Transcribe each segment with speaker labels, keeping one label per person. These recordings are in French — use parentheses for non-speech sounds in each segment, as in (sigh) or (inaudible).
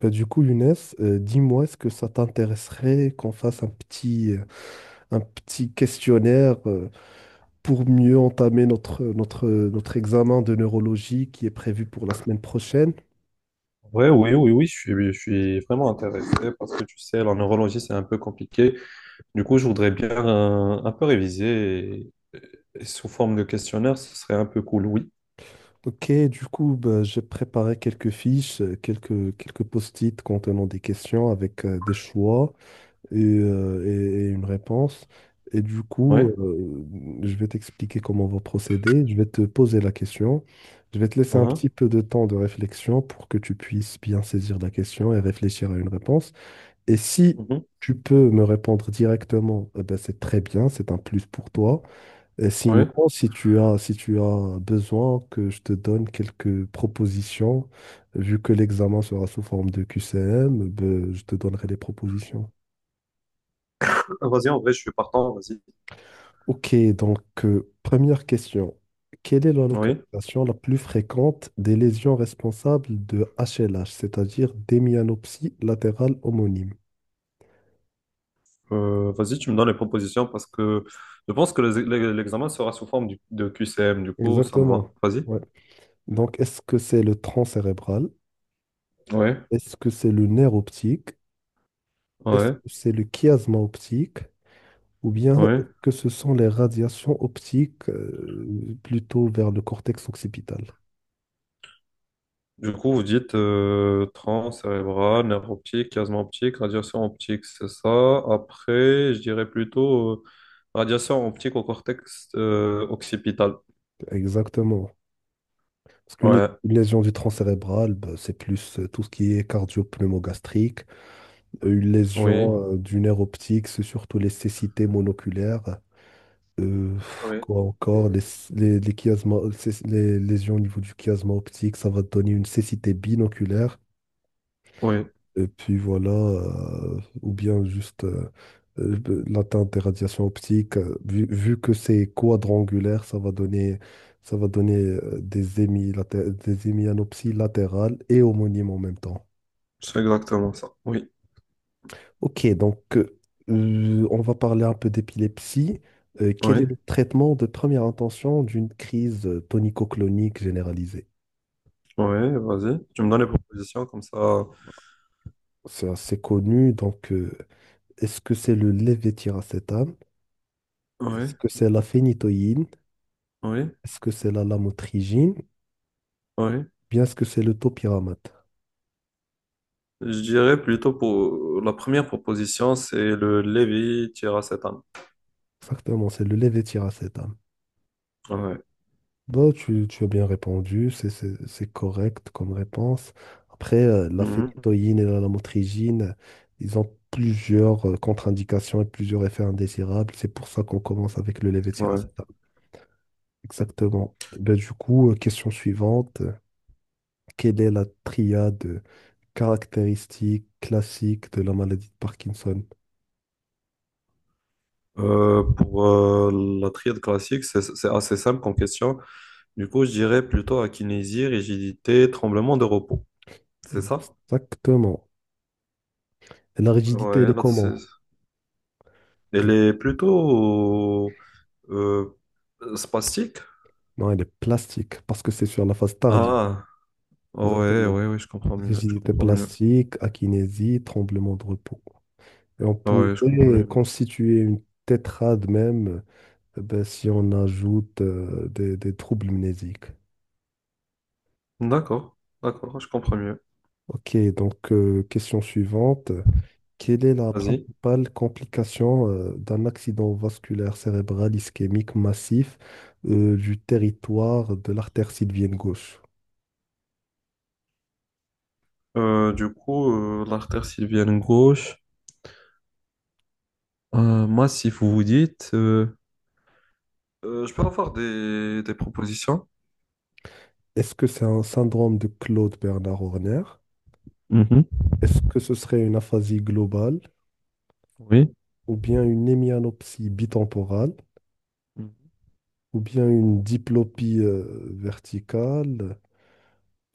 Speaker 1: Bah, du coup, Younes, dis-moi, est-ce que ça t'intéresserait qu'on fasse un petit questionnaire pour mieux entamer notre examen de neurologie qui est prévu pour la semaine prochaine?
Speaker 2: Ouais, oui, oui, oui, je suis vraiment intéressé parce que tu sais, la neurologie, c'est un peu compliqué. Du coup, je voudrais bien un peu réviser et sous forme de questionnaire, ce serait un peu cool, oui.
Speaker 1: Ok, du coup, bah, j'ai préparé quelques fiches, quelques post-it contenant des questions avec des choix. Et une réponse. Et du coup,
Speaker 2: Ouais.
Speaker 1: je vais t'expliquer comment on va procéder. Je vais te poser la question. Je vais te laisser un
Speaker 2: Mhm.
Speaker 1: petit peu de temps de réflexion pour que tu puisses bien saisir la question et réfléchir à une réponse. Et si
Speaker 2: Mhm.
Speaker 1: tu peux me répondre directement, eh ben, c'est très bien, c'est un plus pour toi. Et sinon,
Speaker 2: Ouais.
Speaker 1: si tu as besoin que je te donne quelques propositions, vu que l'examen sera sous forme de QCM, ben, je te donnerai des propositions.
Speaker 2: Vas-y, en vrai, je suis partant, vas-y.
Speaker 1: Ok, donc première question. Quelle est la
Speaker 2: Oui.
Speaker 1: localisation la plus fréquente des lésions responsables de HLH, c'est-à-dire d'hémianopsie latérale homonyme?
Speaker 2: Vas-y, tu me donnes les propositions parce que je pense que l'examen sera sous forme de QCM, du coup, ça me va.
Speaker 1: Exactement.
Speaker 2: Vas-y.
Speaker 1: Ouais. Donc, est-ce que c'est le tronc cérébral?
Speaker 2: Ouais,
Speaker 1: Est-ce que c'est le nerf optique? Est-ce
Speaker 2: ouais,
Speaker 1: que c'est le chiasma optique? Ou bien
Speaker 2: ouais.
Speaker 1: est-ce que ce sont les radiations optiques plutôt vers le cortex occipital?
Speaker 2: Du coup, vous dites tronc cérébral, nerf optique, chiasme optique, radiation optique, c'est ça. Après, je dirais plutôt radiation optique au cortex occipital.
Speaker 1: Exactement. Parce qu'une lé-
Speaker 2: Ouais,
Speaker 1: une lésion du tronc cérébral, bah, c'est plus tout ce qui est cardio-pneumogastrique. Une
Speaker 2: oui,
Speaker 1: lésion du nerf optique, c'est surtout les cécités monoculaires.
Speaker 2: oui,
Speaker 1: Quoi encore, les, chiasma- les lésions au niveau du chiasma optique, ça va te donner une cécité binoculaire.
Speaker 2: oui,
Speaker 1: Et puis voilà, ou bien juste, l'atteinte des radiations optiques, vu que c'est quadrangulaire, ça va donner des hémianopsies latérales et homonymes en même temps.
Speaker 2: c'est exactement ça. Oui,
Speaker 1: Ok, donc on va parler un peu d'épilepsie. Quel
Speaker 2: oui,
Speaker 1: est le traitement de première intention d'une crise tonico-clonique généralisée?
Speaker 2: oui, vas-y. Tu me donnes les propositions comme ça.
Speaker 1: C'est assez connu, donc est-ce que c'est le lévétiracétam?
Speaker 2: Oui,
Speaker 1: Est-ce que c'est la phénitoïne?
Speaker 2: oui,
Speaker 1: Est-ce que c'est la lamotrigine?
Speaker 2: oui.
Speaker 1: Bien, est-ce que c'est le topiramate?
Speaker 2: Je dirais plutôt pour la première proposition, c'est le lévi tiracétane.
Speaker 1: Exactement, c'est le levétiracétam.
Speaker 2: Ouais.
Speaker 1: Bah, tu as bien répondu, c'est correct comme réponse. Après, la
Speaker 2: Mhm,
Speaker 1: phénitoïne et la lamotrigine, ils ont plusieurs contre-indications et plusieurs effets indésirables. C'est pour ça qu'on commence avec le
Speaker 2: ouais.
Speaker 1: levétiracétam. Exactement. Ben du coup, question suivante. Quelle est la triade caractéristique classique de la maladie de Parkinson?
Speaker 2: Pour la triade classique, c'est assez simple comme question. Du coup, je dirais plutôt akinésie, rigidité, tremblement de repos. C'est ça?
Speaker 1: Exactement. La rigidité, elle
Speaker 2: Ouais,
Speaker 1: est
Speaker 2: là,
Speaker 1: comment?
Speaker 2: elle
Speaker 1: Elle-
Speaker 2: est plutôt euh, spastique.
Speaker 1: Non, elle est plastique, parce que c'est sur la phase tardive.
Speaker 2: Ah, ouais,
Speaker 1: Exactement.
Speaker 2: ouais, ouais, je comprends mieux, je
Speaker 1: Rigidité
Speaker 2: comprends mieux.
Speaker 1: plastique, akinésie, tremblement de repos. Et on
Speaker 2: Ah, ouais, je comprends
Speaker 1: pourrait
Speaker 2: mieux.
Speaker 1: constituer une tétrade même, ben, si on ajoute des troubles mnésiques.
Speaker 2: D'accord, d'accord, je comprends mieux.
Speaker 1: Ok, donc question suivante. Quelle est la
Speaker 2: Vas-y.
Speaker 1: principale complication d'un accident vasculaire cérébral ischémique massif du territoire de l'artère sylvienne gauche?
Speaker 2: Du coup, l'artère sylvienne gauche, massif, vous vous dites. Je peux avoir des propositions?
Speaker 1: Est-ce que c'est un syndrome de Claude Bernard Horner?
Speaker 2: Mhm.
Speaker 1: Est-ce que ce serait une aphasie globale
Speaker 2: Oui.
Speaker 1: ou bien une hémianopsie bitemporale
Speaker 2: Mhm.
Speaker 1: ou bien une diplopie verticale?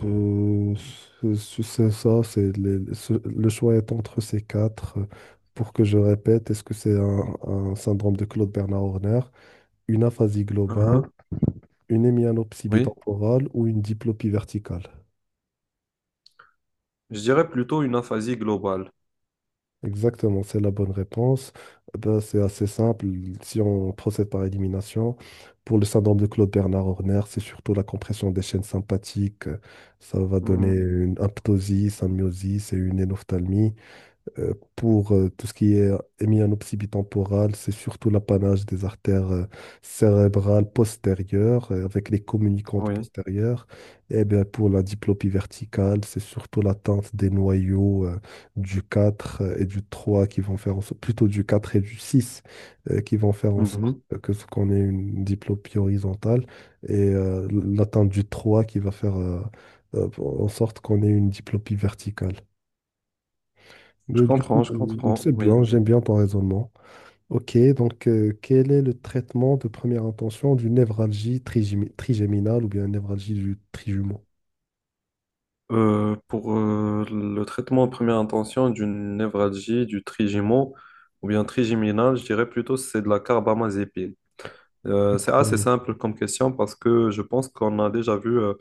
Speaker 1: Euh, c'est ça, le choix est entre ces quatre. Pour que je répète, est-ce que c'est un syndrome de Claude Bernard Horner, une aphasie globale,
Speaker 2: Mhm.
Speaker 1: une hémianopsie
Speaker 2: Oui,
Speaker 1: bitemporale ou une diplopie verticale?
Speaker 2: je dirais plutôt une aphasie globale.
Speaker 1: Exactement, c'est la bonne réponse. Eh ben, c'est assez simple. Si on procède par élimination, pour le syndrome de Claude-Bernard Horner, c'est surtout la compression des chaînes sympathiques. Ça va donner
Speaker 2: Mhm.
Speaker 1: une aptosie, symiosis et une énophtalmie. Pour tout ce qui est hémianopsie bitemporale, c'est surtout l'apanage des artères cérébrales postérieures avec les communicantes
Speaker 2: Oui,
Speaker 1: postérieures. Et bien, pour la diplopie verticale, c'est surtout l'atteinte des noyaux du 4 et du 3 qui vont faire en sorte, plutôt du 4 et du 6, qui vont faire en sorte
Speaker 2: Mhm.
Speaker 1: que ce qu'on ait une diplopie horizontale et l'atteinte du 3 qui va faire en sorte qu'on ait une diplopie verticale. Mais du coup,
Speaker 2: Je comprends,
Speaker 1: c'est
Speaker 2: oui.
Speaker 1: bien, j'aime bien ton raisonnement. Ok, donc quel est le traitement de première intention d'une névralgie trigéminale ou bien névralgie du trijumeau?
Speaker 2: Pour le traitement en première intention d'une névralgie, du trigémo ou bien trigéminal, je dirais plutôt c'est de la carbamazépine. C'est assez simple comme question parce que je pense qu'on a déjà vu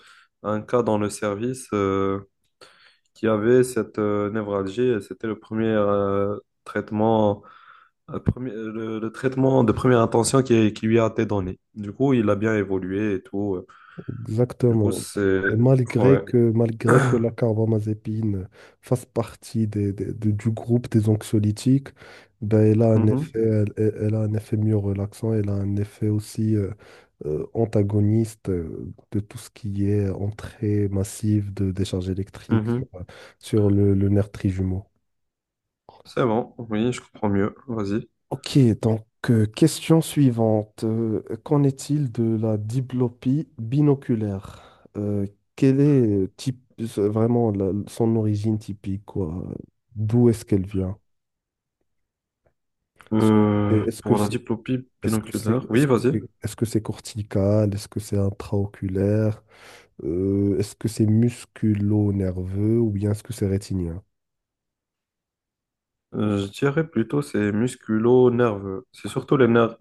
Speaker 2: un cas dans le service qui avait cette névralgie et c'était le premier traitement. Le traitement de première intention qui lui a été donné. Du coup, il a bien évolué et tout. Du coup,
Speaker 1: Exactement.
Speaker 2: c'est.
Speaker 1: Et malgré
Speaker 2: Ouais.
Speaker 1: Oui. que, malgré que la carbamazépine fasse partie du groupe des anxiolytiques, ben elle a un
Speaker 2: Mhm,
Speaker 1: effet, elle a un effet mieux relaxant, elle a un effet aussi antagoniste de tout ce qui est entrée massive de décharge électrique
Speaker 2: mhm.
Speaker 1: sur le nerf trijumeau.
Speaker 2: C'est bon, oui, je comprends mieux. Vas-y.
Speaker 1: Ok, donc question suivante. Qu'en est-il de la diplopie binoculaire? Quelle est vraiment son origine typique, quoi? D'où est-ce qu'elle vient? Et Est-ce que
Speaker 2: Pour la
Speaker 1: c'est
Speaker 2: diplopie binoculaire,
Speaker 1: est-ce
Speaker 2: oui,
Speaker 1: que
Speaker 2: vas-y.
Speaker 1: c'est est-ce que c'est cortical? Est-ce que c'est intraoculaire? Est-ce que c'est musculo-nerveux ou bien est-ce que c'est rétinien?
Speaker 2: Je dirais plutôt c'est musculo-nerveux. C'est surtout les nerfs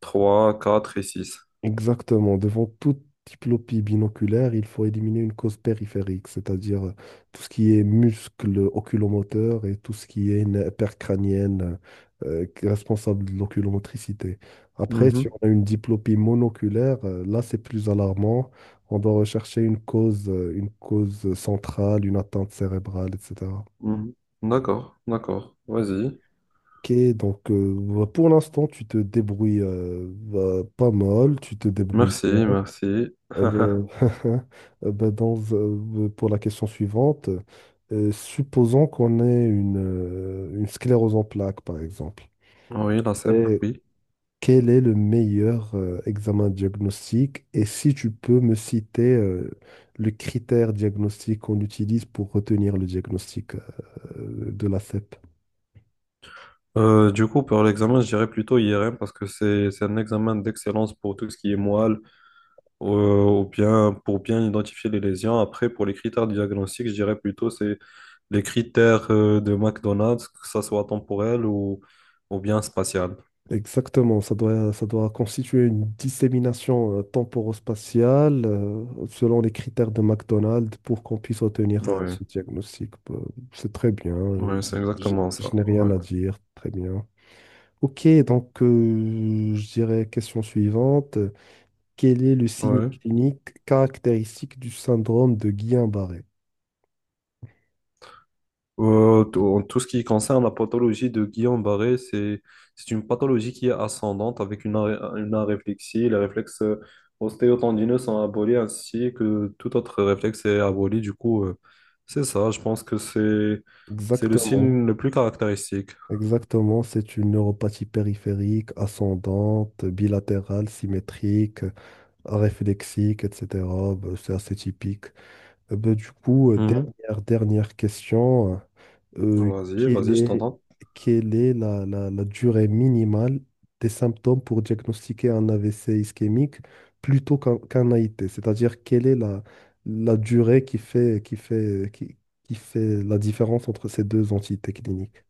Speaker 2: trois, quatre et six.
Speaker 1: Exactement. Devant toute diplopie binoculaire, il faut éliminer une cause périphérique, c'est-à-dire tout ce qui est muscle oculomoteur et tout ce qui est nerf percrânienne qui est responsable de l'oculomotricité. Après, si
Speaker 2: Mhm,
Speaker 1: on a une diplopie monoculaire, là, c'est plus alarmant. On doit rechercher une cause centrale, une atteinte cérébrale, etc.
Speaker 2: mhm. D'accord, d'accord. Vas-y.
Speaker 1: Ok, donc bah, pour l'instant, tu te débrouilles bah, pas mal, tu te débrouilles
Speaker 2: Merci,
Speaker 1: bien.
Speaker 2: merci.
Speaker 1: Euh,
Speaker 2: (laughs)
Speaker 1: (laughs) ben, pour la question suivante, supposons qu'on ait une sclérose en plaques, par exemple.
Speaker 2: Oui, la CEP,
Speaker 1: Et
Speaker 2: oui.
Speaker 1: quel est le meilleur examen diagnostique? Et si tu peux me citer le critère diagnostique qu'on utilise pour retenir le diagnostic, de la CEP.
Speaker 2: Du coup, pour l'examen, je dirais plutôt IRM parce que c'est un examen d'excellence pour tout ce qui est moelle, ou bien pour bien identifier les lésions. Après, pour les critères diagnostiques, je dirais plutôt c'est les critères de McDonald's, que ça soit temporel ou bien spatial.
Speaker 1: Exactement, ça doit constituer une dissémination temporospatiale selon les critères de McDonald's pour qu'on puisse obtenir
Speaker 2: Oui, ouais,
Speaker 1: ce diagnostic. Bah, c'est très bien,
Speaker 2: ouais, c'est
Speaker 1: je,
Speaker 2: exactement ça.
Speaker 1: je n'ai
Speaker 2: Ouais,
Speaker 1: rien à dire, très bien. Ok, donc je dirais question suivante. Quel est le signe
Speaker 2: ouais.
Speaker 1: clinique caractéristique du syndrome de Guillain-Barré?
Speaker 2: En tout ce qui concerne la pathologie de Guillain-Barré, c'est une pathologie qui est ascendante avec une aréflexie. Les réflexes ostéotendineux sont abolis ainsi que tout autre réflexe est aboli. Du coup, c'est ça. Je pense que c'est le
Speaker 1: Exactement,
Speaker 2: signe le plus caractéristique.
Speaker 1: exactement. C'est une neuropathie périphérique, ascendante, bilatérale, symétrique, réflexique, etc. Ben, c'est assez typique. Ben, du coup,
Speaker 2: Mhm.
Speaker 1: dernière question. Euh,
Speaker 2: Vas-y,
Speaker 1: quelle
Speaker 2: vas-y, je
Speaker 1: est,
Speaker 2: t'entends.
Speaker 1: quelle est la durée minimale des symptômes pour diagnostiquer un AVC ischémique plutôt qu'un AIT? C'est-à-dire, quelle est la durée qui fait la différence entre ces deux entités cliniques?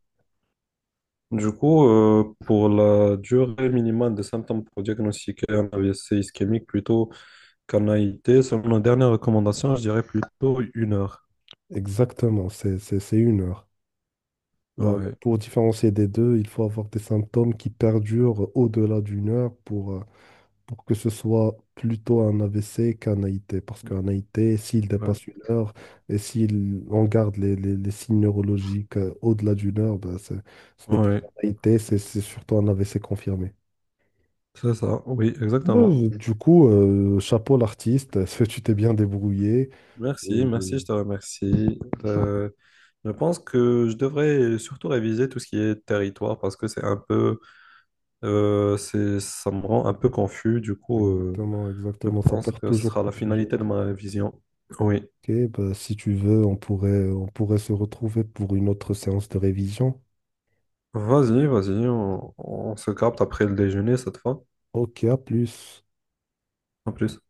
Speaker 2: Du coup, pour la durée minimale des symptômes pour diagnostiquer un AVC ischémique plutôt qu'un AIT, selon nos dernières recommandations, je dirais plutôt 1 heure.
Speaker 1: Exactement, c'est une heure. Là,
Speaker 2: Ouais.
Speaker 1: pour différencier des deux, il faut avoir des symptômes qui perdurent au-delà d'une heure pour que ce soit plutôt un AVC qu'un AIT. Parce qu'un AIT, s'il
Speaker 2: Ouais,
Speaker 1: dépasse une heure et s'il on garde les signes neurologiques au-delà d'une heure, ben, ce n'est plus un
Speaker 2: ouais,
Speaker 1: AIT, c'est surtout un AVC confirmé.
Speaker 2: c'est ça, oui, exactement.
Speaker 1: Ouais, du coup, chapeau l'artiste, (laughs) parce que tu t'es bien débrouillé.
Speaker 2: Merci,
Speaker 1: Euh,
Speaker 2: merci, je te remercie. Euh, je pense que je devrais surtout réviser tout ce qui est territoire parce que c'est un peu, ça me rend un peu confus. Du coup,
Speaker 1: Exactement,
Speaker 2: je
Speaker 1: exactement, ça
Speaker 2: pense
Speaker 1: porte
Speaker 2: que ce
Speaker 1: toujours
Speaker 2: sera la
Speaker 1: confusion.
Speaker 2: finalité de ma révision. Oui,
Speaker 1: Ok, bah si tu veux, on pourrait se retrouver pour une autre séance de révision.
Speaker 2: vas-y, vas-y, on se capte après le déjeuner cette fois.
Speaker 1: Ok, à plus.
Speaker 2: En plus.